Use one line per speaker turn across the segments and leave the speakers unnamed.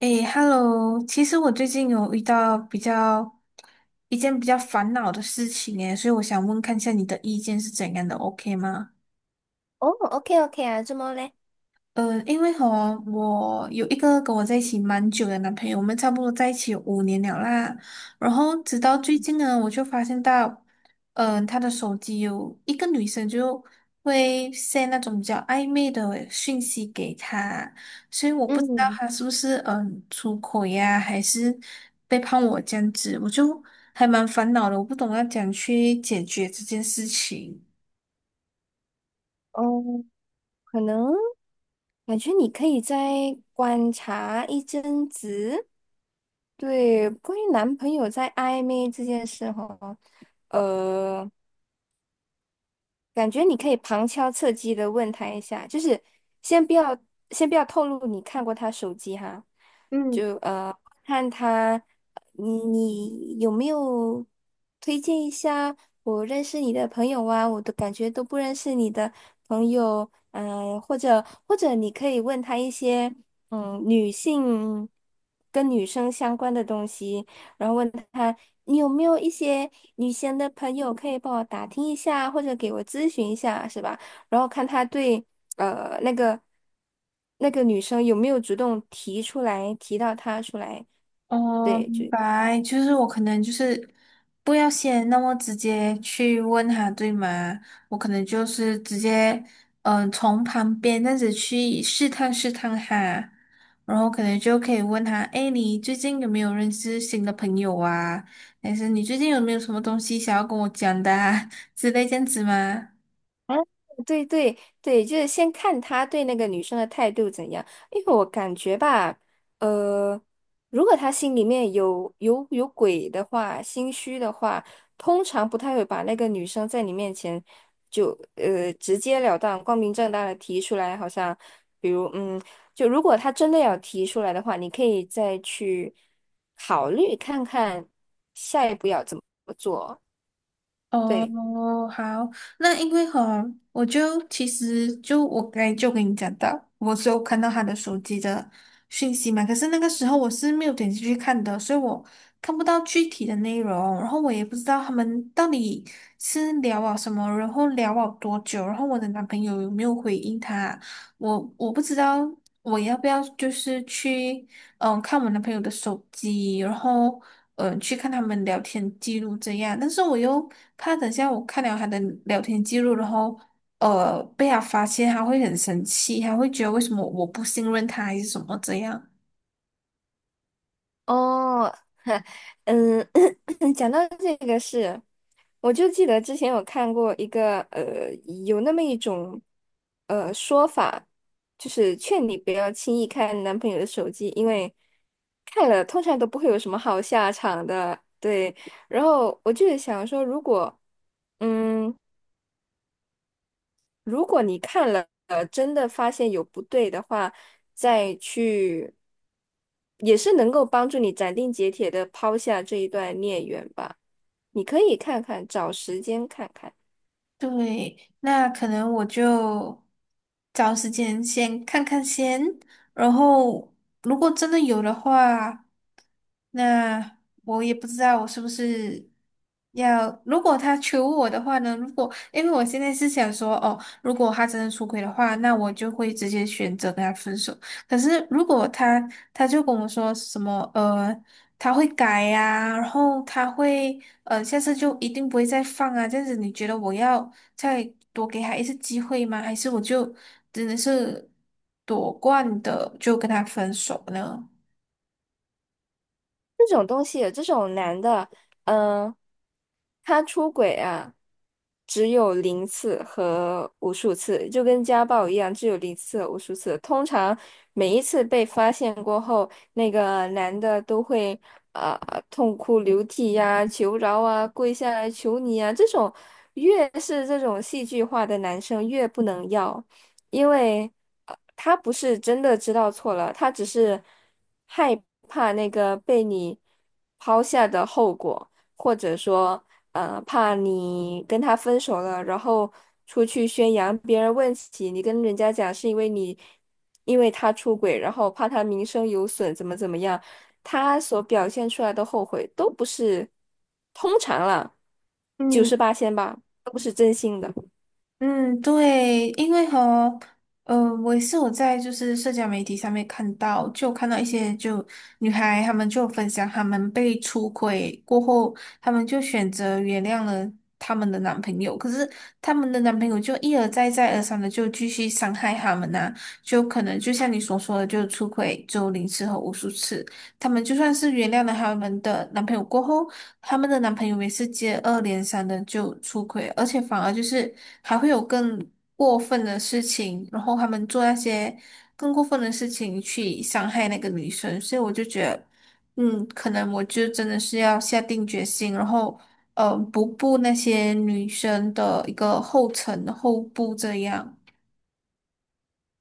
诶，Hello，其实我最近有遇到一件比较烦恼的事情诶，所以我想问看一下你的意见是怎样的，OK 吗？
哦，OK OK 啊，这么嘞？
嗯，因为和我有一个跟我在一起蛮久的男朋友，我们差不多在一起有5年了啦。然后直到最近呢，我就发现到，他的手机有一个女生就会 send 那种比较暧昧的讯息给他，所以我不知道
嗯，
他是不是出轨呀、还是背叛我这样子，我就还蛮烦恼的，我不懂要怎样去解决这件事情。
哦，可能感觉你可以再观察一阵子。对，关于男朋友在暧昧这件事哈，呃。感觉你可以旁敲侧击的问他一下，就是先不要先不要透露你看过他手机哈，
嗯。
就看他你有没有推荐一下我认识你的朋友啊？我都感觉都不认识你的朋友，或者或者你可以问他一些女性跟女生相关的东西。然后问他你有没有一些女生的朋友可以帮我打听一下，或者给我咨询一下，是吧？然后看他对那个女生有没有主动提出来，提到他出来，
哦，
对，就。
明白，就是我可能就是不要先那么直接去问他，对吗？我可能就是直接，从旁边这样子去试探试探他，然后可能就可以问他，哎，你最近有没有认识新的朋友啊？还是你最近有没有什么东西想要跟我讲的啊？之类这样子吗？
啊，对对对，就是先看他对那个女生的态度怎样，因为我感觉吧，呃，如果他心里面有鬼的话，心虚的话，通常不太会把那个女生在你面前就直截了当、光明正大的提出来，好像比如就如果他真的要提出来的话，你可以再去考虑看看下一步要怎么做，对。
哦，好，那因为哈，我就其实就我刚才就跟你讲到，我是有看到他的手机的讯息嘛，可是那个时候我是没有点进去看的，所以我看不到具体的内容，然后我也不知道他们到底是聊了什么，然后聊了多久，然后我的男朋友有没有回应他，我不知道我要不要就是去。嗯，看我男朋友的手机，然后嗯，去看他们聊天记录这样。但是我又怕等下我看了他的聊天记录，然后被他发现，他会很生气，他会觉得为什么我不信任他还是什么这样。
哦，嗯，讲到这个事，我就记得之前有看过一个有那么一种说法，就是劝你不要轻易看男朋友的手机，因为看了通常都不会有什么好下场的。对，然后我就是想说，如果嗯。如果你看了，真的发现有不对的话，再去，也是能够帮助你斩钉截铁的抛下这一段孽缘吧。你可以看看，找时间看看。
对，那可能我就找时间先看看先，然后如果真的有的话，那我也不知道我是不是要，如果他求我的话呢，如果因为我现在是想说，哦，如果他真的出轨的话，那我就会直接选择跟他分手。可是如果他就跟我说什么他会改呀、然后他会下次就一定不会再放啊，这样子你觉得我要再多给他一次机会吗？还是我就真的是夺冠的就跟他分手呢？
这种东西，这种男的，嗯、他出轨啊，只有零次和无数次，就跟家暴一样，只有零次和无数次。通常每一次被发现过后，那个男的都会呃痛哭流涕呀、求饶啊、跪下来求你啊。这种越是这种戏剧化的男生，越不能要。因为他不是真的知道错了，他只是害怕那个被你抛下的后果，或者说，怕你跟他分手了，然后出去宣扬，别人问起你跟人家讲是因为你，因为他出轨，然后怕他名声有损，怎么怎么样，他所表现出来的后悔都不是，通常啦，九
嗯，
十八仙吧，都不是真心的。
嗯，对，因为和呃，我也是有在就是社交媒体上面看到，就看到一些就女孩她们就分享她们被出轨过后，她们就选择原谅了她们的男朋友，可是她们的男朋友就一而再再而三的就继续伤害她们呐、就可能就像你所说的，就出轨就零次和无数次，她们就算是原谅了她们的男朋友过后。他们的男朋友每次接二连三的就出轨，而且反而就是还会有更过分的事情，然后他们做那些更过分的事情去伤害那个女生，所以我就觉得，嗯，可能我就真的是要下定决心，然后不步那些女生的一个后尘后步这样。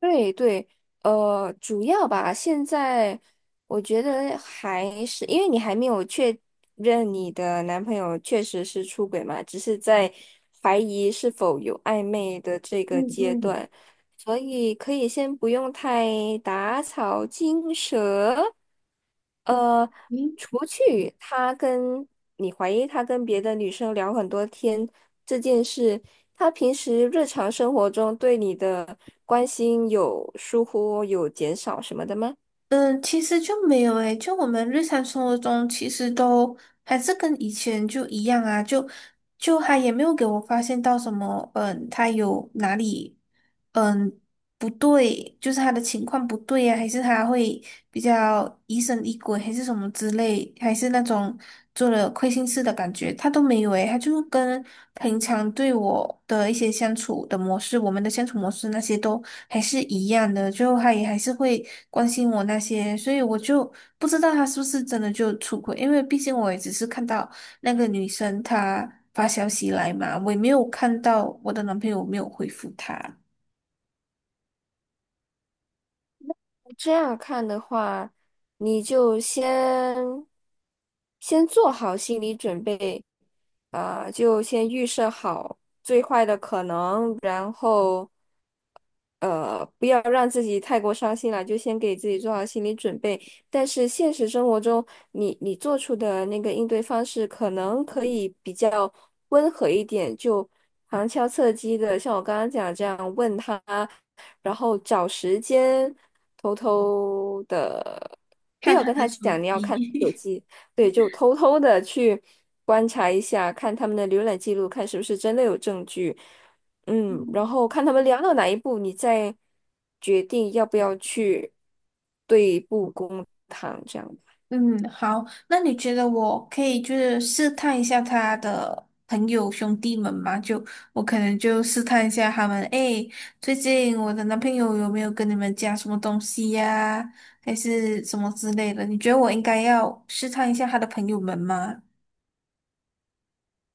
对对，主要吧，现在我觉得还是因为你还没有确认你的男朋友确实是出轨嘛，只是在怀疑是否有暧昧的这个
嗯
阶
嗯，
段，所以可以先不用太打草惊蛇。呃，
嗯，
除去他跟你怀疑他跟别的女生聊很多天这件事，他平时日常生活中对你的关心有疏忽、有减少什么的吗？
嗯，其实就没有诶，就我们日常生活中其实都还是跟以前就一样啊，就他也没有给我发现到什么，嗯，他有哪里。嗯。不对，就是他的情况不对呀、还是他会比较疑神疑鬼，还是什么之类，还是那种做了亏心事的感觉，他都没有诶，他就跟平常对我的一些相处的模式，我们的相处模式那些都还是一样的，就他也还是会关心我那些，所以我就不知道他是不是真的就出轨，因为毕竟我也只是看到那个女生她发消息来嘛，我也没有看到我的男朋友没有回复她。
这样看的话，你就先做好心理准备，就先预设好最坏的可能，然后。不要让自己太过伤心了，就先给自己做好心理准备。但是现实生活中，你做出的那个应对方式，可能可以比较温和一点，就旁敲侧击的，像我刚刚讲这样问他，然后找时间，偷偷的，不
看
要
他
跟
的
他
手
讲你要看手
机。
机，对，就偷偷的去观察一下，看他们的浏览记录，看是不是真的有证据。嗯，然
嗯，
后看他们聊到哪一步，你再决定要不要去对簿公堂。
嗯好，那你觉得我可以就是试探一下他的朋友兄弟们吗？就我可能就试探一下他们，诶，最近我的男朋友有没有跟你们讲什么东西呀、还是什么之类的？你觉得我应该要试探一下他的朋友们吗？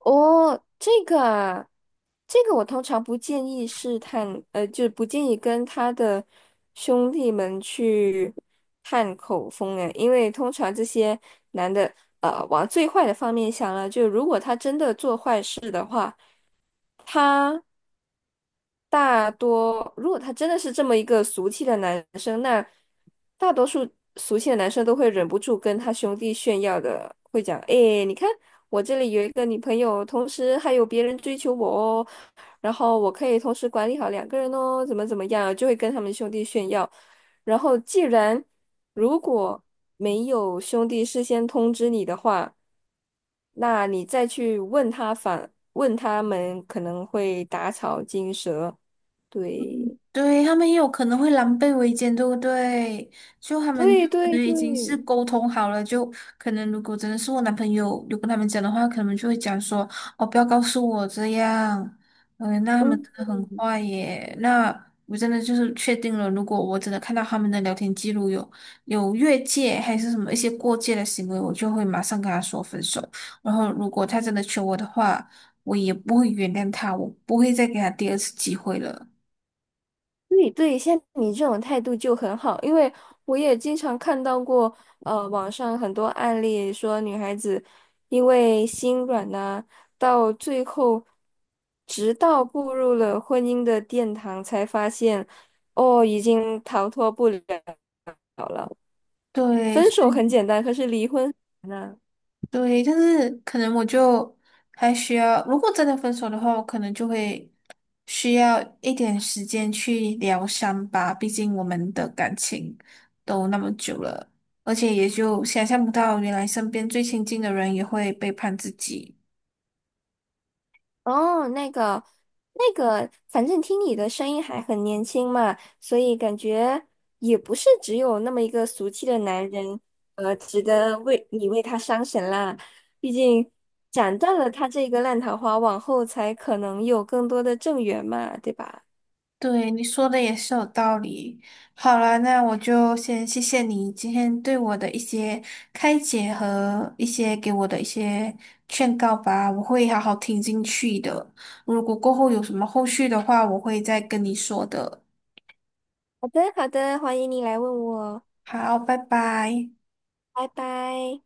哦，这个啊，这个我通常不建议试探，就是不建议跟他的兄弟们去探口风诶，因为通常这些男的，往最坏的方面想了，就如果他真的做坏事的话。他。大多，如果他真的是这么一个俗气的男生，那大多数俗气的男生都会忍不住跟他兄弟炫耀的，会讲：“哎，你看我这里有一个女朋友，同时还有别人追求我哦，然后我可以同时管理好两个人哦，怎么怎么样，就会跟他们兄弟炫耀。然后，既然如果没有兄弟事先通知你的话，那你再去问他反问他们，可能会打草惊蛇。对，
对，他们也有可能会狼狈为奸，对不对？就他们就
对
可
对
能已经是
对，
沟通好了，就可能如果真的是我男朋友有跟他们讲的话，可能就会讲说哦，不要告诉我这样。嗯，那他们
嗯，
真的很坏耶。那我真的就是确定了，如果我真的看到他们的聊天记录有越界还是什么一些过界的行为，我就会马上跟他说分手。然后如果他真的求我的话，我也不会原谅他，我不会再给他第2次机会了。
对对，像你这种态度就很好，因为我也经常看到过，网上很多案例说女孩子因为心软呐、到最后，直到步入了婚姻的殿堂，才发现，哦，已经逃脱不了了。
对，
分
所
手很
以
简单，可是离婚很难啊
对，但是可能我就还需要，如果真的分手的话，我可能就会需要一点时间去疗伤吧。毕竟我们的感情都那么久了，而且也就想象不到，原来身边最亲近的人也会背叛自己。
哦，那个，那个，反正听你的声音还很年轻嘛，所以感觉也不是只有那么一个俗气的男人，值得为你为他伤神啦。毕竟斩断了他这个烂桃花，往后才可能有更多的正缘嘛，对吧？
对，你说的也是有道理。好了，那我就先谢谢你今天对我的一些开解和一些给我的一些劝告吧，我会好好听进去的。如果过后有什么后续的话，我会再跟你说的。
好的，好的，欢迎你来问我，
好，拜拜。
拜拜。